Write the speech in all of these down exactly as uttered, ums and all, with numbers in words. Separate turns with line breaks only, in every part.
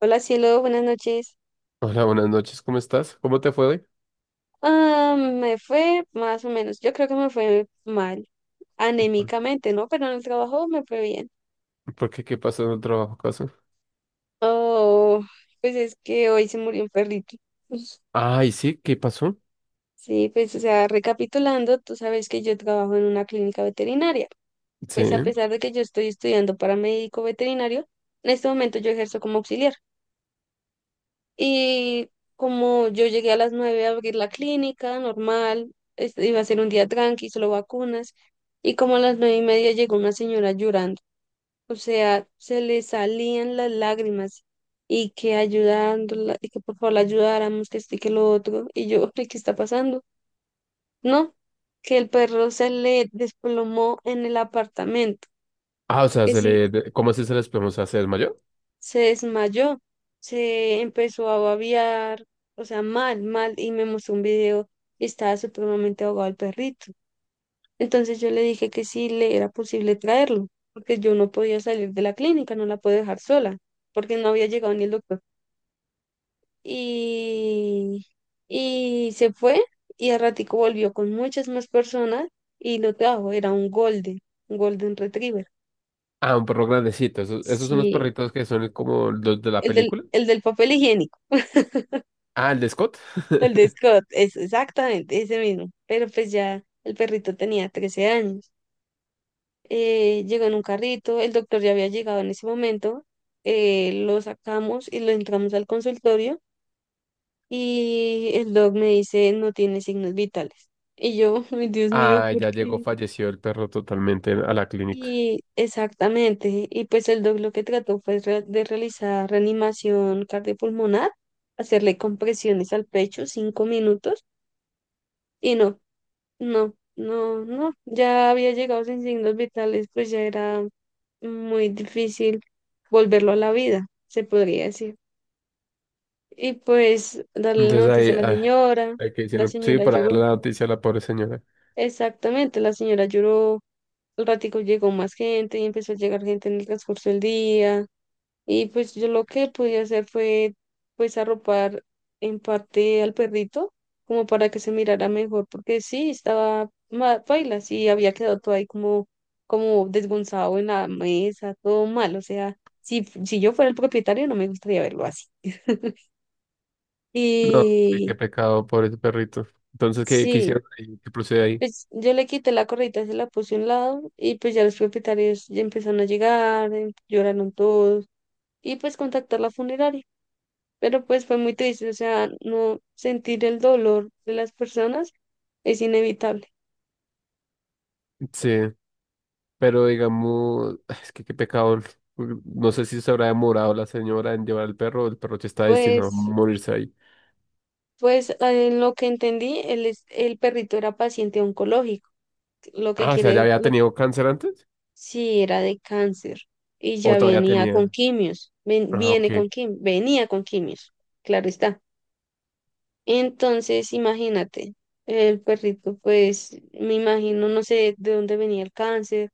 Hola cielo, buenas noches.
Hola, buenas noches, ¿cómo estás? ¿Cómo te fue hoy?
Ah, me fue más o menos. Yo creo que me fue mal,
¿Por,
anémicamente, ¿no? Pero en el trabajo me fue bien.
por qué? ¿Qué pasó en el trabajo, acaso?
Oh, pues es que hoy se murió un perrito.
Ay, sí, ¿qué pasó?
Sí, pues o sea, recapitulando, tú sabes que yo trabajo en una clínica veterinaria.
Sí.
Pues a pesar de que yo estoy estudiando para médico veterinario, en este momento yo ejerzo como auxiliar. Y como yo llegué a las nueve a abrir la clínica, normal, es- iba a ser un día tranqui, solo vacunas. Y como a las nueve y media llegó una señora llorando, o sea, se le salían las lágrimas y que ayudándola, y que por favor la ayudáramos, que este, que lo otro, y yo, "Ay, ¿qué está pasando? No, que el perro se le desplomó en el apartamento,
Ah, o sea,
que
se
sí
le, de- ¿cómo así se les podemos hacer mayor?
se desmayó, se empezó a babear, o sea, mal, mal, y me mostró un video y estaba supremamente ahogado el perrito." Entonces yo le dije que sí le era posible traerlo, porque yo no podía salir de la clínica, no la puedo dejar sola, porque no había llegado ni el doctor. Y, y se fue y al ratico volvió con muchas más personas y lo trajo. Era un golden, un golden retriever.
Ah, un perro grandecito. Esos, esos son los
Sí,
perritos que son como los de la
el del,
película.
el del papel higiénico.
Ah, el de Scott.
El de Scott, es exactamente ese mismo. Pero pues ya el perrito tenía trece años. Eh, llegó en un carrito, el doctor ya había llegado en ese momento. Eh, lo sacamos y lo entramos al consultorio. Y el doc me dice, no tiene signos vitales. Y yo, ay Dios mío,
Ah,
¿por
ya llegó,
qué?
falleció el perro totalmente a la clínica.
Y exactamente. Y pues el doc lo que trató fue re- de realizar reanimación cardiopulmonar, hacerle compresiones al pecho cinco minutos. Y no, no, no, no. Ya había llegado sin signos vitales, pues ya era muy difícil volverlo a la vida, se podría decir. Y pues darle la
Entonces ahí,
noticia a la
ah,
señora,
hay que
la
decirlo. Sí,
señora
para darle
lloró.
la noticia a la pobre señora.
Exactamente, la señora lloró. Al ratico llegó más gente y empezó a llegar gente en el transcurso del día. Y pues yo lo que pude hacer fue pues arropar en parte al perrito como para que se mirara mejor, porque sí, estaba mal, paila, sí, había quedado todo ahí como, como desgonzado en la mesa, todo mal, o sea, si, si yo fuera el propietario no me gustaría verlo así.
No, sí, qué
Y
pecado, pobre perrito. Entonces, ¿qué, qué
sí,
hicieron ahí? ¿Qué procede ahí?
pues yo le quité la correita, se la puse a un lado y pues ya los propietarios ya empezaron a llegar, eh, lloraron todos y pues contactar la funeraria. Pero pues fue muy triste, o sea, no sentir el dolor de las personas es inevitable.
Sí. Pero digamos, es que qué pecado. No sé si se habrá demorado la señora en llevar al perro, o el perro ya está destinado a
Pues,
morirse ahí.
pues ah, en lo que entendí, el, es- el perrito era paciente oncológico, lo que
Ah, o sea, ¿ya
quiere,
había
lo,
tenido cáncer antes?
sí, era de cáncer y
¿O
ya
todavía
venía con
tenía?
quimios, ven-
Ah, ok.
viene con quim, venía con quimios, claro está. Entonces, imagínate, el perrito, pues me imagino, no sé de dónde venía el cáncer,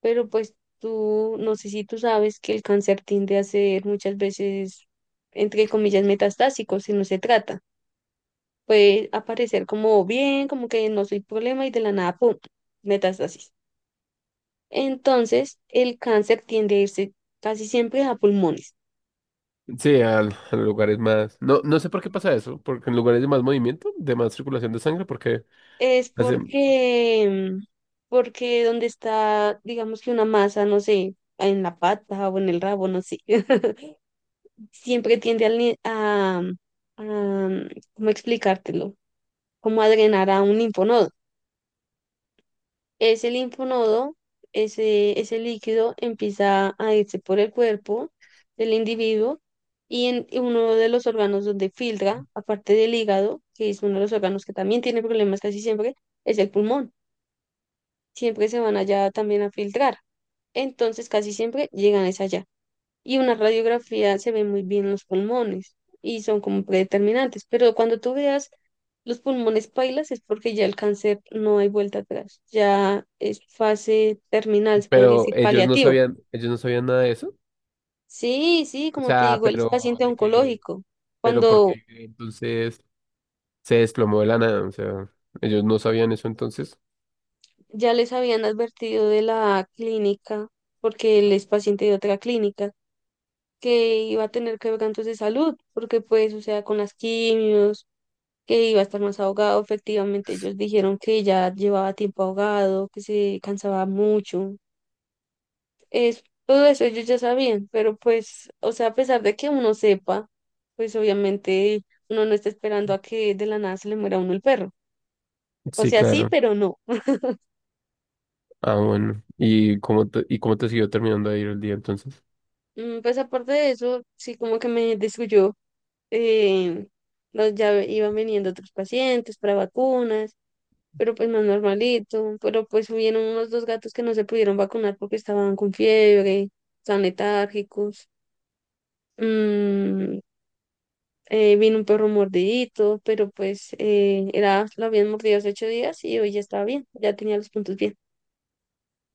pero pues tú, no sé si tú sabes que el cáncer tiende a ser muchas veces, entre comillas, metastásico, si no se trata. Puede aparecer como bien, como que no soy problema y de la nada, ¡pum!, metástasis. Entonces, el cáncer tiende a irse casi siempre a pulmones.
Sí, al- a los lugares más. No, no sé por qué pasa eso, porque en lugares de más movimiento, de más circulación de sangre, porque
Es
hacen,
porque, mm, porque donde está, digamos que una masa, no sé, en la pata o en el rabo, no sé, siempre tiende al ni- a, a, mm, ¿cómo explicártelo? Como a drenar a un linfonodo. Ese linfonodo, ese, ese líquido empieza a irse por el cuerpo del individuo, y en y uno de los órganos donde filtra, aparte del hígado, que es uno de los órganos que también tiene problemas casi siempre, es el pulmón. Siempre se van allá también a filtrar. Entonces casi siempre llegan es allá. Y una radiografía se ve muy bien los pulmones y son como predeterminantes, pero cuando tú veas los pulmones pailas es porque ya el cáncer no hay vuelta atrás, ya es fase terminal, se puede
pero
decir
ellos no
paliativo.
sabían, ellos no sabían nada de eso.
Sí, sí,
O
como te
sea,
digo, él es
pero
paciente
de que,
oncológico.
pero
Cuando
porque entonces se desplomó de la nada. O sea, ellos no sabían eso entonces.
ya les habían advertido de la clínica, porque él es paciente de otra clínica, que iba a tener quebrantos de salud, porque pues, o sea, con las quimios, que iba a estar más ahogado. Efectivamente, ellos dijeron que ya llevaba tiempo ahogado, que se cansaba mucho. Es, todo eso ellos ya sabían, pero pues, o sea, a pesar de que uno sepa, pues obviamente uno no está esperando a que de la nada se le muera a uno el perro. O
Sí,
sea, sí,
claro.
pero no.
Ah, bueno. ¿Y cómo te, y cómo te siguió terminando de ir el día entonces?
Mm, Pues aparte de eso, sí como que me destruyó. Eh, los- ya iban viniendo otros pacientes para vacunas, pero pues más normalito. Pero pues hubieron unos dos gatos que no se pudieron vacunar porque estaban con fiebre, estaban letárgicos. Mm, eh, Vino un perro mordidito, pero pues eh, era, lo habían mordido hace ocho días y hoy ya estaba bien, ya tenía los puntos bien.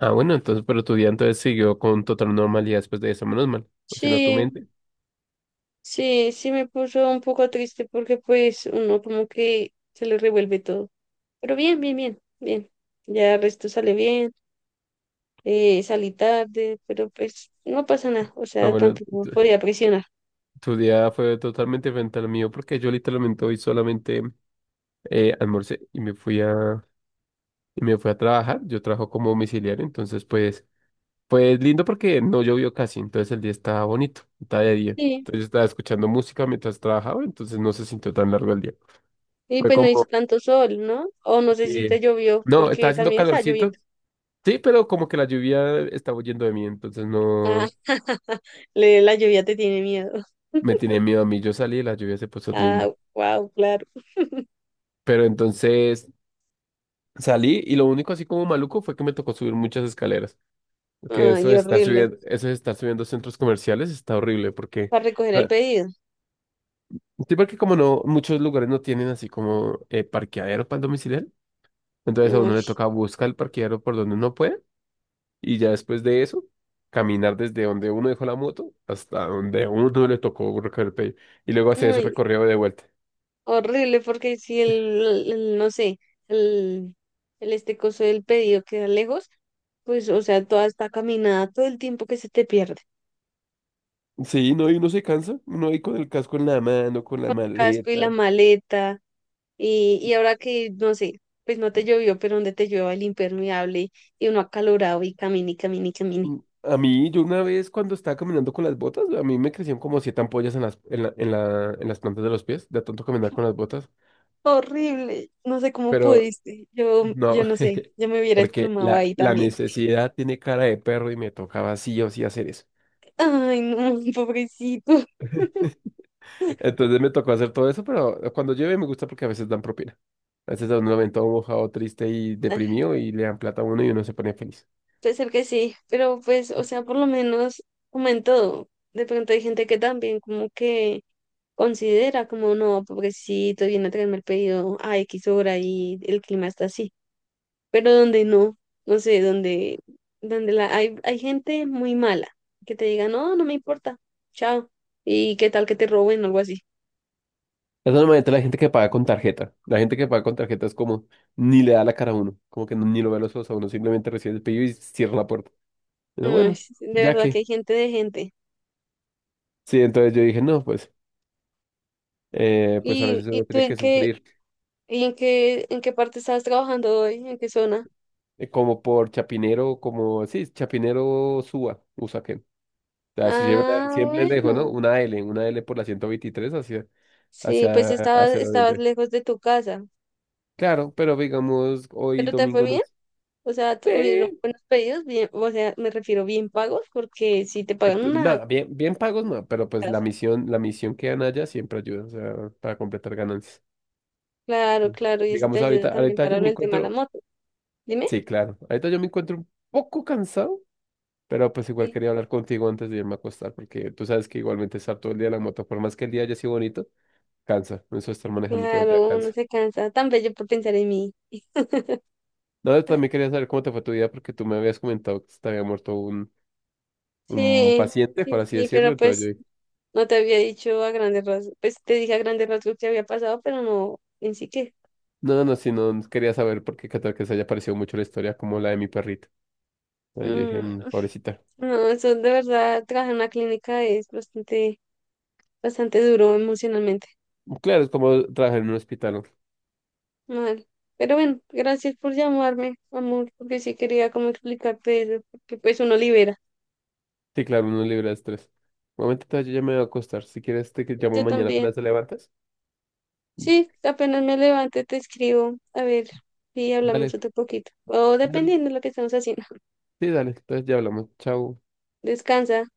Ah, bueno, entonces, pero tu día entonces siguió con total normalidad después de eso, menos mal. O si no, tu
Sí,
mente.
sí, sí me puso un poco triste porque pues uno como que se le revuelve todo. Pero bien, bien, bien, bien. Ya el resto sale bien, eh, salí tarde, pero pues no pasa nada, o
Ah,
sea,
bueno,
tampoco
tu,
podía presionar.
tu día fue totalmente diferente al mío porque yo literalmente hoy solamente eh, almorcé y me fui a, y me fui a trabajar. Yo trabajo como domiciliario, entonces pues, pues lindo porque no llovió casi, entonces el día estaba bonito, estaba de día.
Sí,
Entonces yo estaba escuchando música mientras trabajaba, entonces no se sintió tan largo el día.
y
Fue
pues no hizo
como
tanto sol, ¿no? O no sé si
eh,
te llovió,
no, estaba
porque
haciendo
también está
calorcito.
lloviendo.
Sí, pero como que la lluvia estaba huyendo de mí, entonces
Ah,
no
le- la lluvia te tiene miedo.
me tenía miedo a mí. Yo salí y la lluvia se puso
Ah,
linda.
wow, claro.
Pero entonces salí y lo único así como maluco fue que me tocó subir muchas escaleras. Porque eso
Ay,
de estar
horrible.
subiendo, eso de estar subiendo centros comerciales está horrible porque,
Para recoger el
la-
pedido.
sí, porque como no, muchos lugares no tienen así como eh, parqueadero para el domiciliario. Entonces a uno
Uy,
le toca buscar el parqueadero por donde uno puede. Y ya después de eso, caminar desde donde uno dejó la moto hasta donde uno le tocó recoger el pelo. Y luego hacer ese
uy,
recorrido de vuelta.
horrible, porque si el, el- no sé, el, el este coso del pedido queda lejos, pues, o sea, toda esta caminada, todo el tiempo que se te pierde.
Sí, no, y uno se cansa, uno ahí con el casco en la mano, con la
Con el casco y la
maleta.
maleta. Y, y ahora que, no sé, pues no te llovió, pero donde te llueva el impermeable y uno acalorado y camine y camine y camine.
Mm, a mí, yo una vez cuando estaba caminando con las botas, a mí me crecían como siete ampollas en las, en la, en la, en las plantas de los pies, de tanto caminar con las botas.
Horrible, no sé cómo
Pero
pudiste. Yo,
no,
yo no sé, yo me hubiera
porque
desplomado
la,
ahí
la
también.
necesidad tiene cara de perro y me tocaba sí o sí hacer eso.
Ay, no, pobrecito.
Entonces me tocó hacer todo eso, pero cuando llueve me gusta porque a veces dan propina. A veces da un momento ven mojado, triste y
Ah,
deprimido y le dan plata a uno y uno se pone feliz.
puede ser que sí, pero pues, o sea, por lo menos, como en todo, de pronto hay gente que también como que considera como, no, pobrecito, viene a traerme el pedido a X hora y el clima está así. Pero donde no, no sé, donde, donde la, hay, hay gente muy mala que te diga, no, no me importa, chao, y qué tal que te roben o algo así.
Esa es normalmente la gente que paga con tarjeta. La gente que paga con tarjeta es como ni le da la cara a uno, como que no- ni lo ve a los ojos a uno, simplemente recibe el pedido y cierra la puerta. Pero
Ay,
bueno,
s- de
ya
verdad que hay
que.
gente de gente.
Sí, entonces yo dije, no, pues, eh, pues a
¿Y,
veces
y
uno
tú
tiene
en
que
qué,
sufrir
y en qué, en qué parte estabas trabajando hoy? ¿En qué zona?
eh, como por Chapinero, como, sí, Chapinero Suba, Usaquén. O sea, si siempre,
Ah,
siempre les dejo, ¿no?
bueno,
Una L, una L por la ciento veintitrés así.
sí, pues
Hacia,
estabas,
hacia el
estabas
oriente.
lejos de tu casa,
Claro, pero digamos, hoy
pero te fue
domingo no.
bien.
Sí,
O sea, tuvieron
eh,
buenos pedidos, bien, o sea, me refiero bien pagos, porque si te
eh,
pagan
p-
una
nada, bien, bien pagos no, pero pues la
casa.
misión, la misión que dan allá siempre ayuda, o sea, para completar ganancias.
Claro,
Entonces,
claro, y eso te
digamos,
ayuda
ahorita,
también
ahorita
para
yo
lo
me
del tema de la
encuentro,
moto. Dime.
sí, claro, ahorita yo me encuentro un poco cansado, pero pues igual
Sí.
quería hablar contigo antes de irme a acostar, porque tú sabes que igualmente estar todo el día en la moto, por más que el día haya sido bonito, cansa, eso de estar manejando todo el día
Claro, uno
cansa.
se cansa. Tan bello por pensar en mí.
No, yo también quería saber cómo te fue tu día, porque tú me habías comentado que se te había muerto un, un
Sí,
paciente,
sí,
por así
sí,
decirlo.
pero
Entonces yo
pues
dije,
no te había dicho a grandes rasgos. Pues te dije a grandes rasgos que había pasado, pero no en sí que.
no, no, si no quería saber por qué, qué tal que se haya parecido mucho la historia como la de mi perrito. Entonces yo
Mm,
dije, "Mm, pobrecita".
no, eso de verdad, trabajar en una clínica es bastante, bastante duro emocionalmente.
Claro, es como trabajar en un hospital, ¿no?
Mal. Pero bueno, gracias por llamarme, amor, porque sí quería como explicarte eso, porque pues uno libera.
Sí, claro, uno libre de estrés. Un momento, entonces yo ya me voy a acostar. Si quieres, te llamo
Yo
mañana
también.
apenas te levantas.
Sí, apenas me levante te escribo. A ver si hablamos
Dale,
otro poquito. O
dale.
dependiendo de lo que estamos haciendo.
Sí, dale. Entonces ya hablamos. Chao.
Descansa.